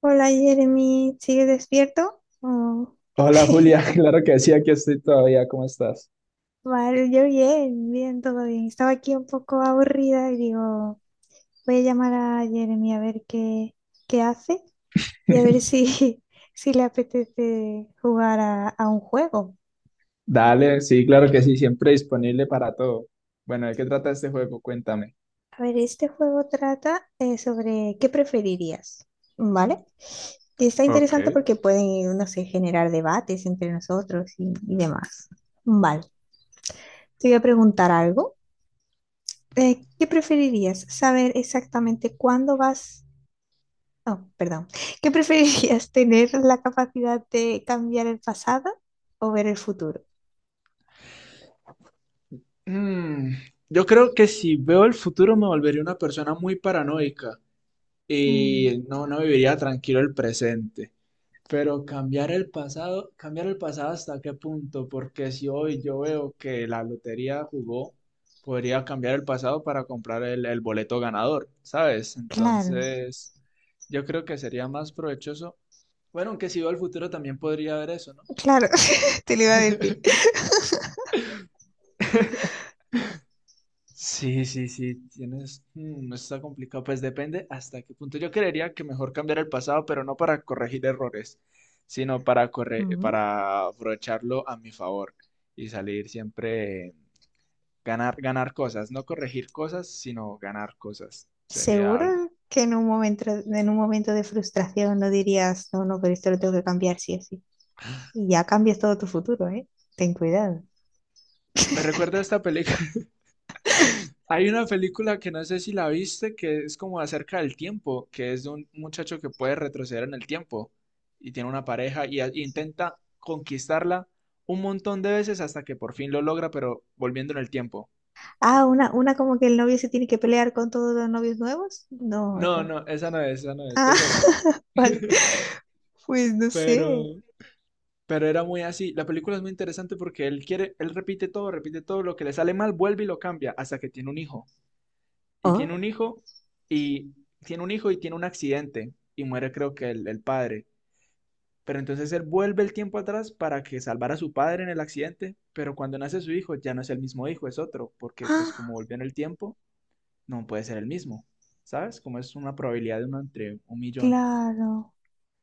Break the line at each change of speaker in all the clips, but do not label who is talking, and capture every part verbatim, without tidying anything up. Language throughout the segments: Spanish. Hola Jeremy, ¿sigues despierto? Oh,
Hola Julia, claro que sí, aquí estoy todavía, ¿cómo estás?
vale, yo bien, bien, todo bien. Estaba aquí un poco aburrida y digo, voy a llamar a Jeremy a ver qué, qué hace y a ver si, si le apetece jugar a, a un juego.
Dale, sí, claro que sí, siempre disponible para todo. Bueno, ¿de qué trata este juego? Cuéntame.
A ver, este juego trata eh, sobre qué preferirías, ¿vale? Y está
Ok.
interesante porque pueden, no sé, generar debates entre nosotros y, y demás. Vale, te voy a preguntar algo. Eh, ¿qué preferirías? ¿Saber exactamente cuándo vas? Oh, perdón. ¿Qué preferirías? ¿Tener la capacidad de cambiar el pasado o ver el futuro?
Mm, yo creo que si veo el futuro me volvería una persona muy paranoica
Mm,
y no, no viviría tranquilo el presente. Pero cambiar el pasado, cambiar el pasado hasta qué punto, porque si hoy yo veo que la lotería jugó, podría cambiar el pasado para comprar el, el boleto ganador, ¿sabes?
claro,
Entonces, yo creo que sería más provechoso. Bueno, aunque si veo al futuro también podría haber eso, ¿no?
claro,
Bueno.
te lo iba a decir.
Sí, sí, sí, tienes. Mm, está complicado. Pues depende hasta qué punto. Yo creería que mejor cambiar el pasado, pero no para corregir errores, sino para corre-
Mm,
para aprovecharlo a mi favor y salir siempre ganar, ganar cosas, no corregir cosas, sino ganar cosas. Sería algo.
¿seguro que en un momento, en un momento de frustración no dirías, no, no, pero esto lo tengo que cambiar sí o sí? Y ya cambias todo tu futuro, ¿eh? Ten cuidado.
Me recuerda a esta película. Hay una película que no sé si la viste, que es como acerca del tiempo, que es de un muchacho que puede retroceder en el tiempo y tiene una pareja y, a- y intenta conquistarla un montón de veces hasta que por fin lo logra, pero volviendo en el tiempo.
Ah, una, una como que el novio se tiene que pelear con todos los novios nuevos. No, o
No,
sea.
no, esa no es, esa no es,
Ah,
es otra.
vale. Pues no sé.
Pero, pero era muy así. La película es muy interesante porque él quiere, él repite todo, repite todo, lo que le sale mal, vuelve y lo cambia hasta que tiene un hijo. Y tiene
Oh,
un hijo y tiene un hijo y tiene un accidente y muere creo que el, el padre. Pero entonces él vuelve el tiempo atrás para que salvara a su padre en el accidente, pero cuando nace su hijo ya no es el mismo hijo, es otro, porque pues
ah,
como volvió en el tiempo, no puede ser el mismo, ¿sabes? Como es una probabilidad de uno entre un millón.
claro.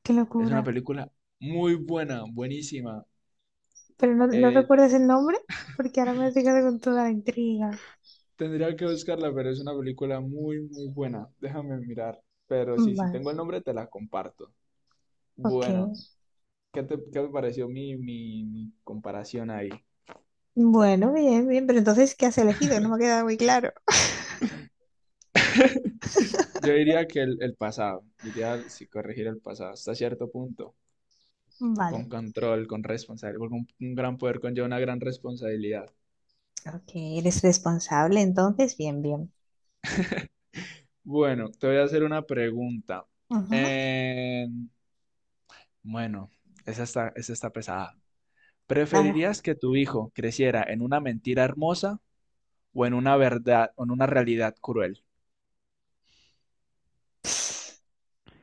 Qué
Es una
locura.
película muy buena, buenísima.
Pero no, no
Eh,
recuerdas el nombre porque ahora me has dejado con toda la intriga.
tendría que buscarla, pero es una película muy, muy buena. Déjame mirar. Pero sí, si
Vale,
tengo el nombre, te la comparto.
ok.
Bueno, ¿qué te, qué te pareció mi, mi mi comparación ahí?
Bueno, bien, bien. Pero entonces, ¿qué has elegido? No me ha quedado muy claro.
Yo diría que el, el pasado, diría si corregir el pasado hasta cierto punto, con
Vale.
control, con responsabilidad, porque un, un gran poder conlleva una gran responsabilidad.
Ok, eres responsable, entonces, bien, bien.
Bueno, te voy a hacer una pregunta.
Ujú.
Eh, bueno, esa está, esa está pesada.
Ah,
¿Preferirías que tu hijo creciera en una mentira hermosa o en una verdad, o en una realidad cruel?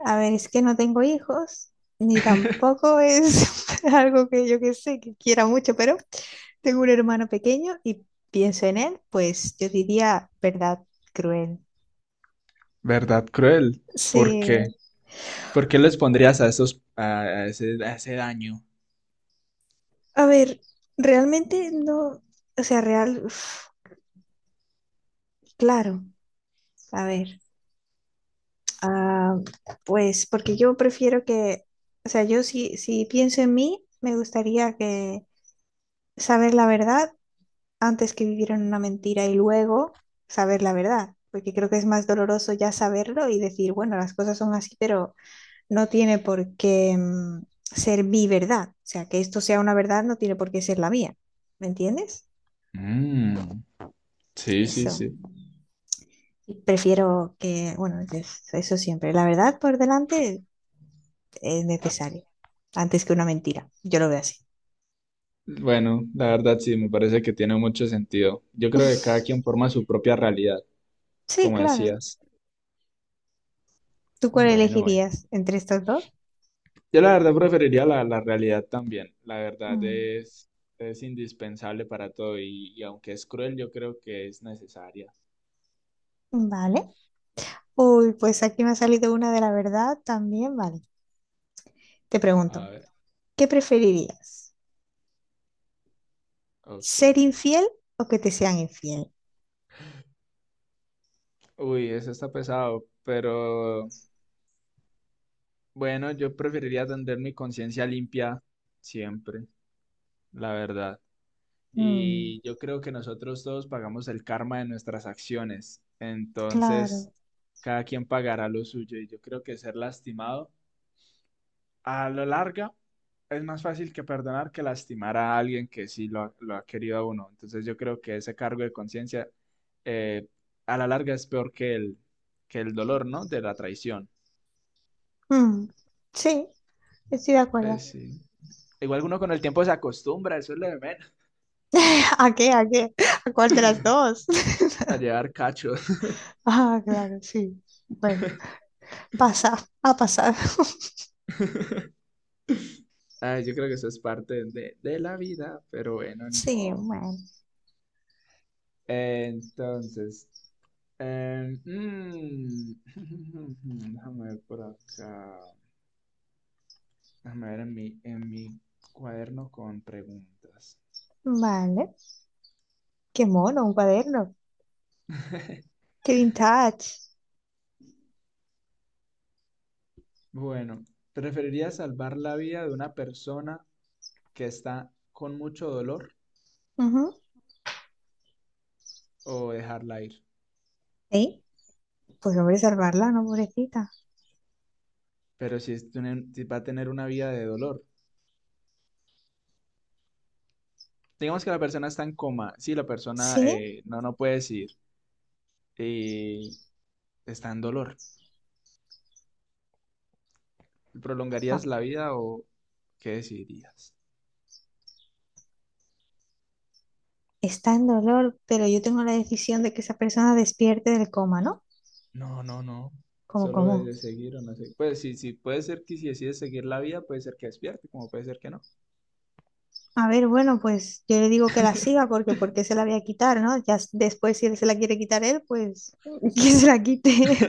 a ver, es que no tengo hijos, ni tampoco es algo que yo que sé, que quiera mucho, pero tengo un hermano pequeño y pienso en él, pues yo diría verdad cruel.
¿Verdad cruel? ¿Por qué?
Sí.
¿Por qué les pondrías a esos, a a ese, a ese daño?
A ver, realmente no, o sea, real, uf, claro, a ver, ah, pues porque yo prefiero que, o sea, yo si, si pienso en mí, me gustaría que saber la verdad antes que vivir en una mentira y luego saber la verdad, porque creo que es más doloroso ya saberlo y decir, bueno, las cosas son así, pero no tiene por qué mm, ser mi verdad. O sea, que esto sea una verdad no tiene por qué ser la mía. ¿Me entiendes?
Mm, sí, sí,
Eso.
sí.
Prefiero que, bueno, yo- eso siempre. La verdad por delante es necesario, antes que una mentira. Yo lo veo así.
Bueno, la verdad sí, me parece que tiene mucho sentido. Yo creo que cada quien forma su propia realidad,
Sí,
como
claro.
decías.
¿Tú cuál
Bueno, bueno.
elegirías entre estos dos?
Yo la verdad preferiría la, la realidad también. La verdad
Mm,
es, es indispensable para todo y, y aunque es cruel, yo creo que es necesaria.
vale. Uy, pues aquí me ha salido una de la verdad también, vale. Te pregunto,
A ver,
¿qué preferirías?
ok.
¿Ser infiel o que te sean infiel?
Uy, eso está pesado, pero bueno, yo preferiría tener mi conciencia limpia siempre, la verdad.
Mm,
Y yo creo que nosotros todos pagamos el karma de nuestras acciones. Entonces,
claro.
cada quien pagará lo suyo. Y yo creo que ser lastimado a la larga es más fácil que perdonar que lastimar a alguien que sí lo ha, lo ha querido a uno. Entonces, yo creo que ese cargo de conciencia eh, a la larga es peor que el, que el dolor, ¿no? De la traición.
Mm, sí, estoy de acuerdo.
Pues sí. Igual uno con el tiempo se acostumbra, eso es lo de menos,
¿A qué? ¿A qué? ¿A cuál de las dos?
a llevar cachos.
Ah, claro, sí. Bueno, pasa, ha pasado.
Ah, yo creo que eso es parte de, de la vida, pero bueno, ni
Sí,
modo.
bueno.
Entonces, em, mm, déjame ver por acá. Déjame ver en mi, en mi cuaderno con preguntas.
Vale. Qué mono, un cuaderno. Qué vintage.
Bueno, ¿preferirías salvar la vida de una persona que está con mucho dolor
Ujú.
o dejarla ir?
Sí, pues hombre, salvarla, ¿no, pobrecita?
Pero si, es tener- si va a tener una vida de dolor. Digamos que la persona está en coma. Sí, la persona
Sí,
eh, no, no puede decir. Y está en dolor.
ah,
¿Prolongarías la vida o qué decidirías?
está en dolor, pero yo tengo la decisión de que esa persona despierte del coma, ¿no?
No, no, no.
¿Cómo,
Solo de
cómo?
de seguir o no sé. Pues sí, sí, puede ser que si decides seguir la vida, puede ser que despierte, como puede ser que no.
A ver, bueno, pues yo le digo que la siga porque ¿por qué se la voy a quitar, ¿no? Ya s- después si él se la quiere quitar él, pues que se la quite.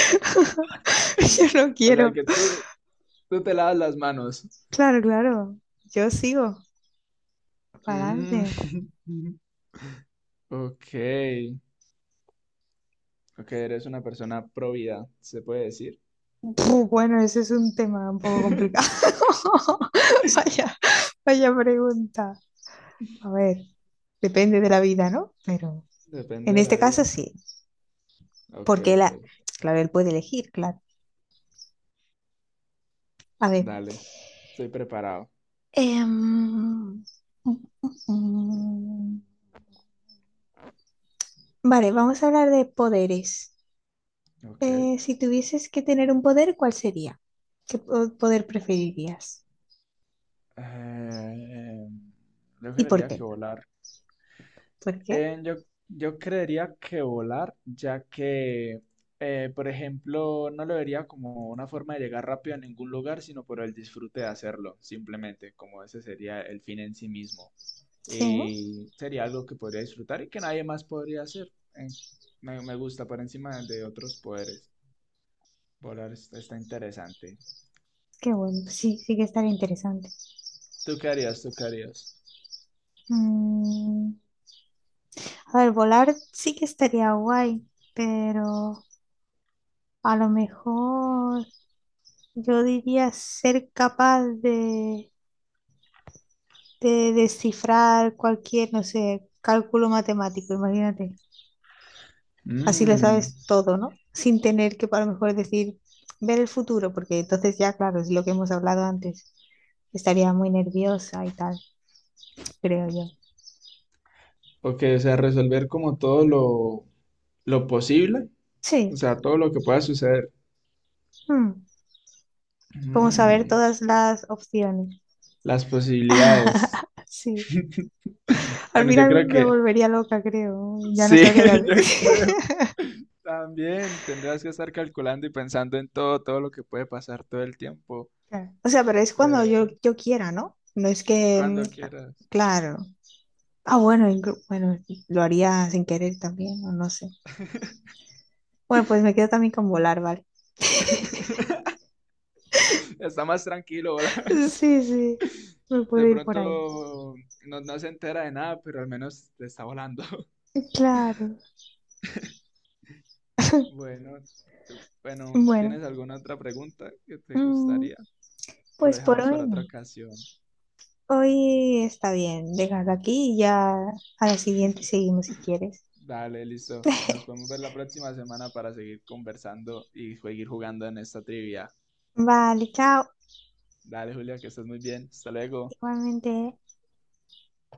Yo no
O sea,
quiero.
que tú, tú te lavas las manos.
Claro, claro. Yo sigo. Para
Mm,
adelante.
ok, ok, eres una persona pro vida, se puede decir.
Puh, bueno, ese es un tema un poco complicado. Vaya, vaya pregunta. A ver, depende de la vida, ¿no? Pero
Depende
en
de la
este caso
vida.
sí,
Ok,
porque él,
ok,
ha- claro, él puede elegir, claro. A ver.
dale, estoy preparado.
Em, mm, mm, mm. Vale, vamos a hablar de poderes.
Ok.
Eh, si tuvieses que tener un poder, ¿cuál sería? ¿Qué po- poder preferirías?
Eh, yo
¿Y por
creería que
qué?
volar.
¿Por qué?
Eh, yo, yo creería que volar, ya que, eh, por ejemplo, no lo vería como una forma de llegar rápido a ningún lugar, sino por el disfrute de hacerlo, simplemente, como ese sería el fin en sí mismo.
Sí,
Y sería algo que podría disfrutar y que nadie más podría hacer. Eh, me, me gusta por encima de otros poderes. Volar es- está interesante.
qué bueno, sí, sí que estaría interesante.
¿Tú qué harías? ¿Tú qué harías?
Mm, a ver, volar sí que estaría guay, pero a lo mejor yo diría ser capaz de, de descifrar cualquier, no sé, cálculo matemático, imagínate. Así le
Mm.
sabes todo, ¿no? Sin tener que a lo mejor decir, ver el futuro, porque entonces ya, claro, es lo que hemos hablado antes. Estaría muy nerviosa y tal, creo yo.
Ok, o sea, resolver como todo lo, lo posible, o
Sí,
sea, todo lo que pueda suceder.
mm, vamos a ver
Mm,
todas las opciones.
las posibilidades.
Sí, al
Bueno, yo
final
creo
me
que
volvería loca, creo. Ya no
sí,
sabría qué hacer.
yo creo. También tendrás que estar calculando y pensando en todo, todo lo que puede pasar todo el tiempo.
Claro. O sea, pero es cuando yo,
Pero
yo quiera, ¿no? No es que, mm,
cuando quieras.
claro. Ah, bueno, inclu- bueno, lo haría sin querer también, o no sé. Bueno, pues me quedo también con volar, ¿vale?
Está más tranquilo, ¿verdad?
Sí, sí, me puedo
De
ir por ahí.
pronto no, no se entera de nada, pero al menos te está volando.
Claro.
Bueno, tú- bueno,
Bueno,
¿tienes alguna otra pregunta que te
mm,
gustaría? ¿O lo
pues por
dejamos
hoy
para
no.
otra ocasión?
Hoy está bien, déjalo aquí y ya a la siguiente seguimos si quieres.
Dale, listo. Nos podemos ver la próxima semana para seguir conversando y seguir jugando en esta trivia.
Vale, chao.
Dale, Julia, que estés muy bien. Hasta luego.
Igualmente. ¿Eh?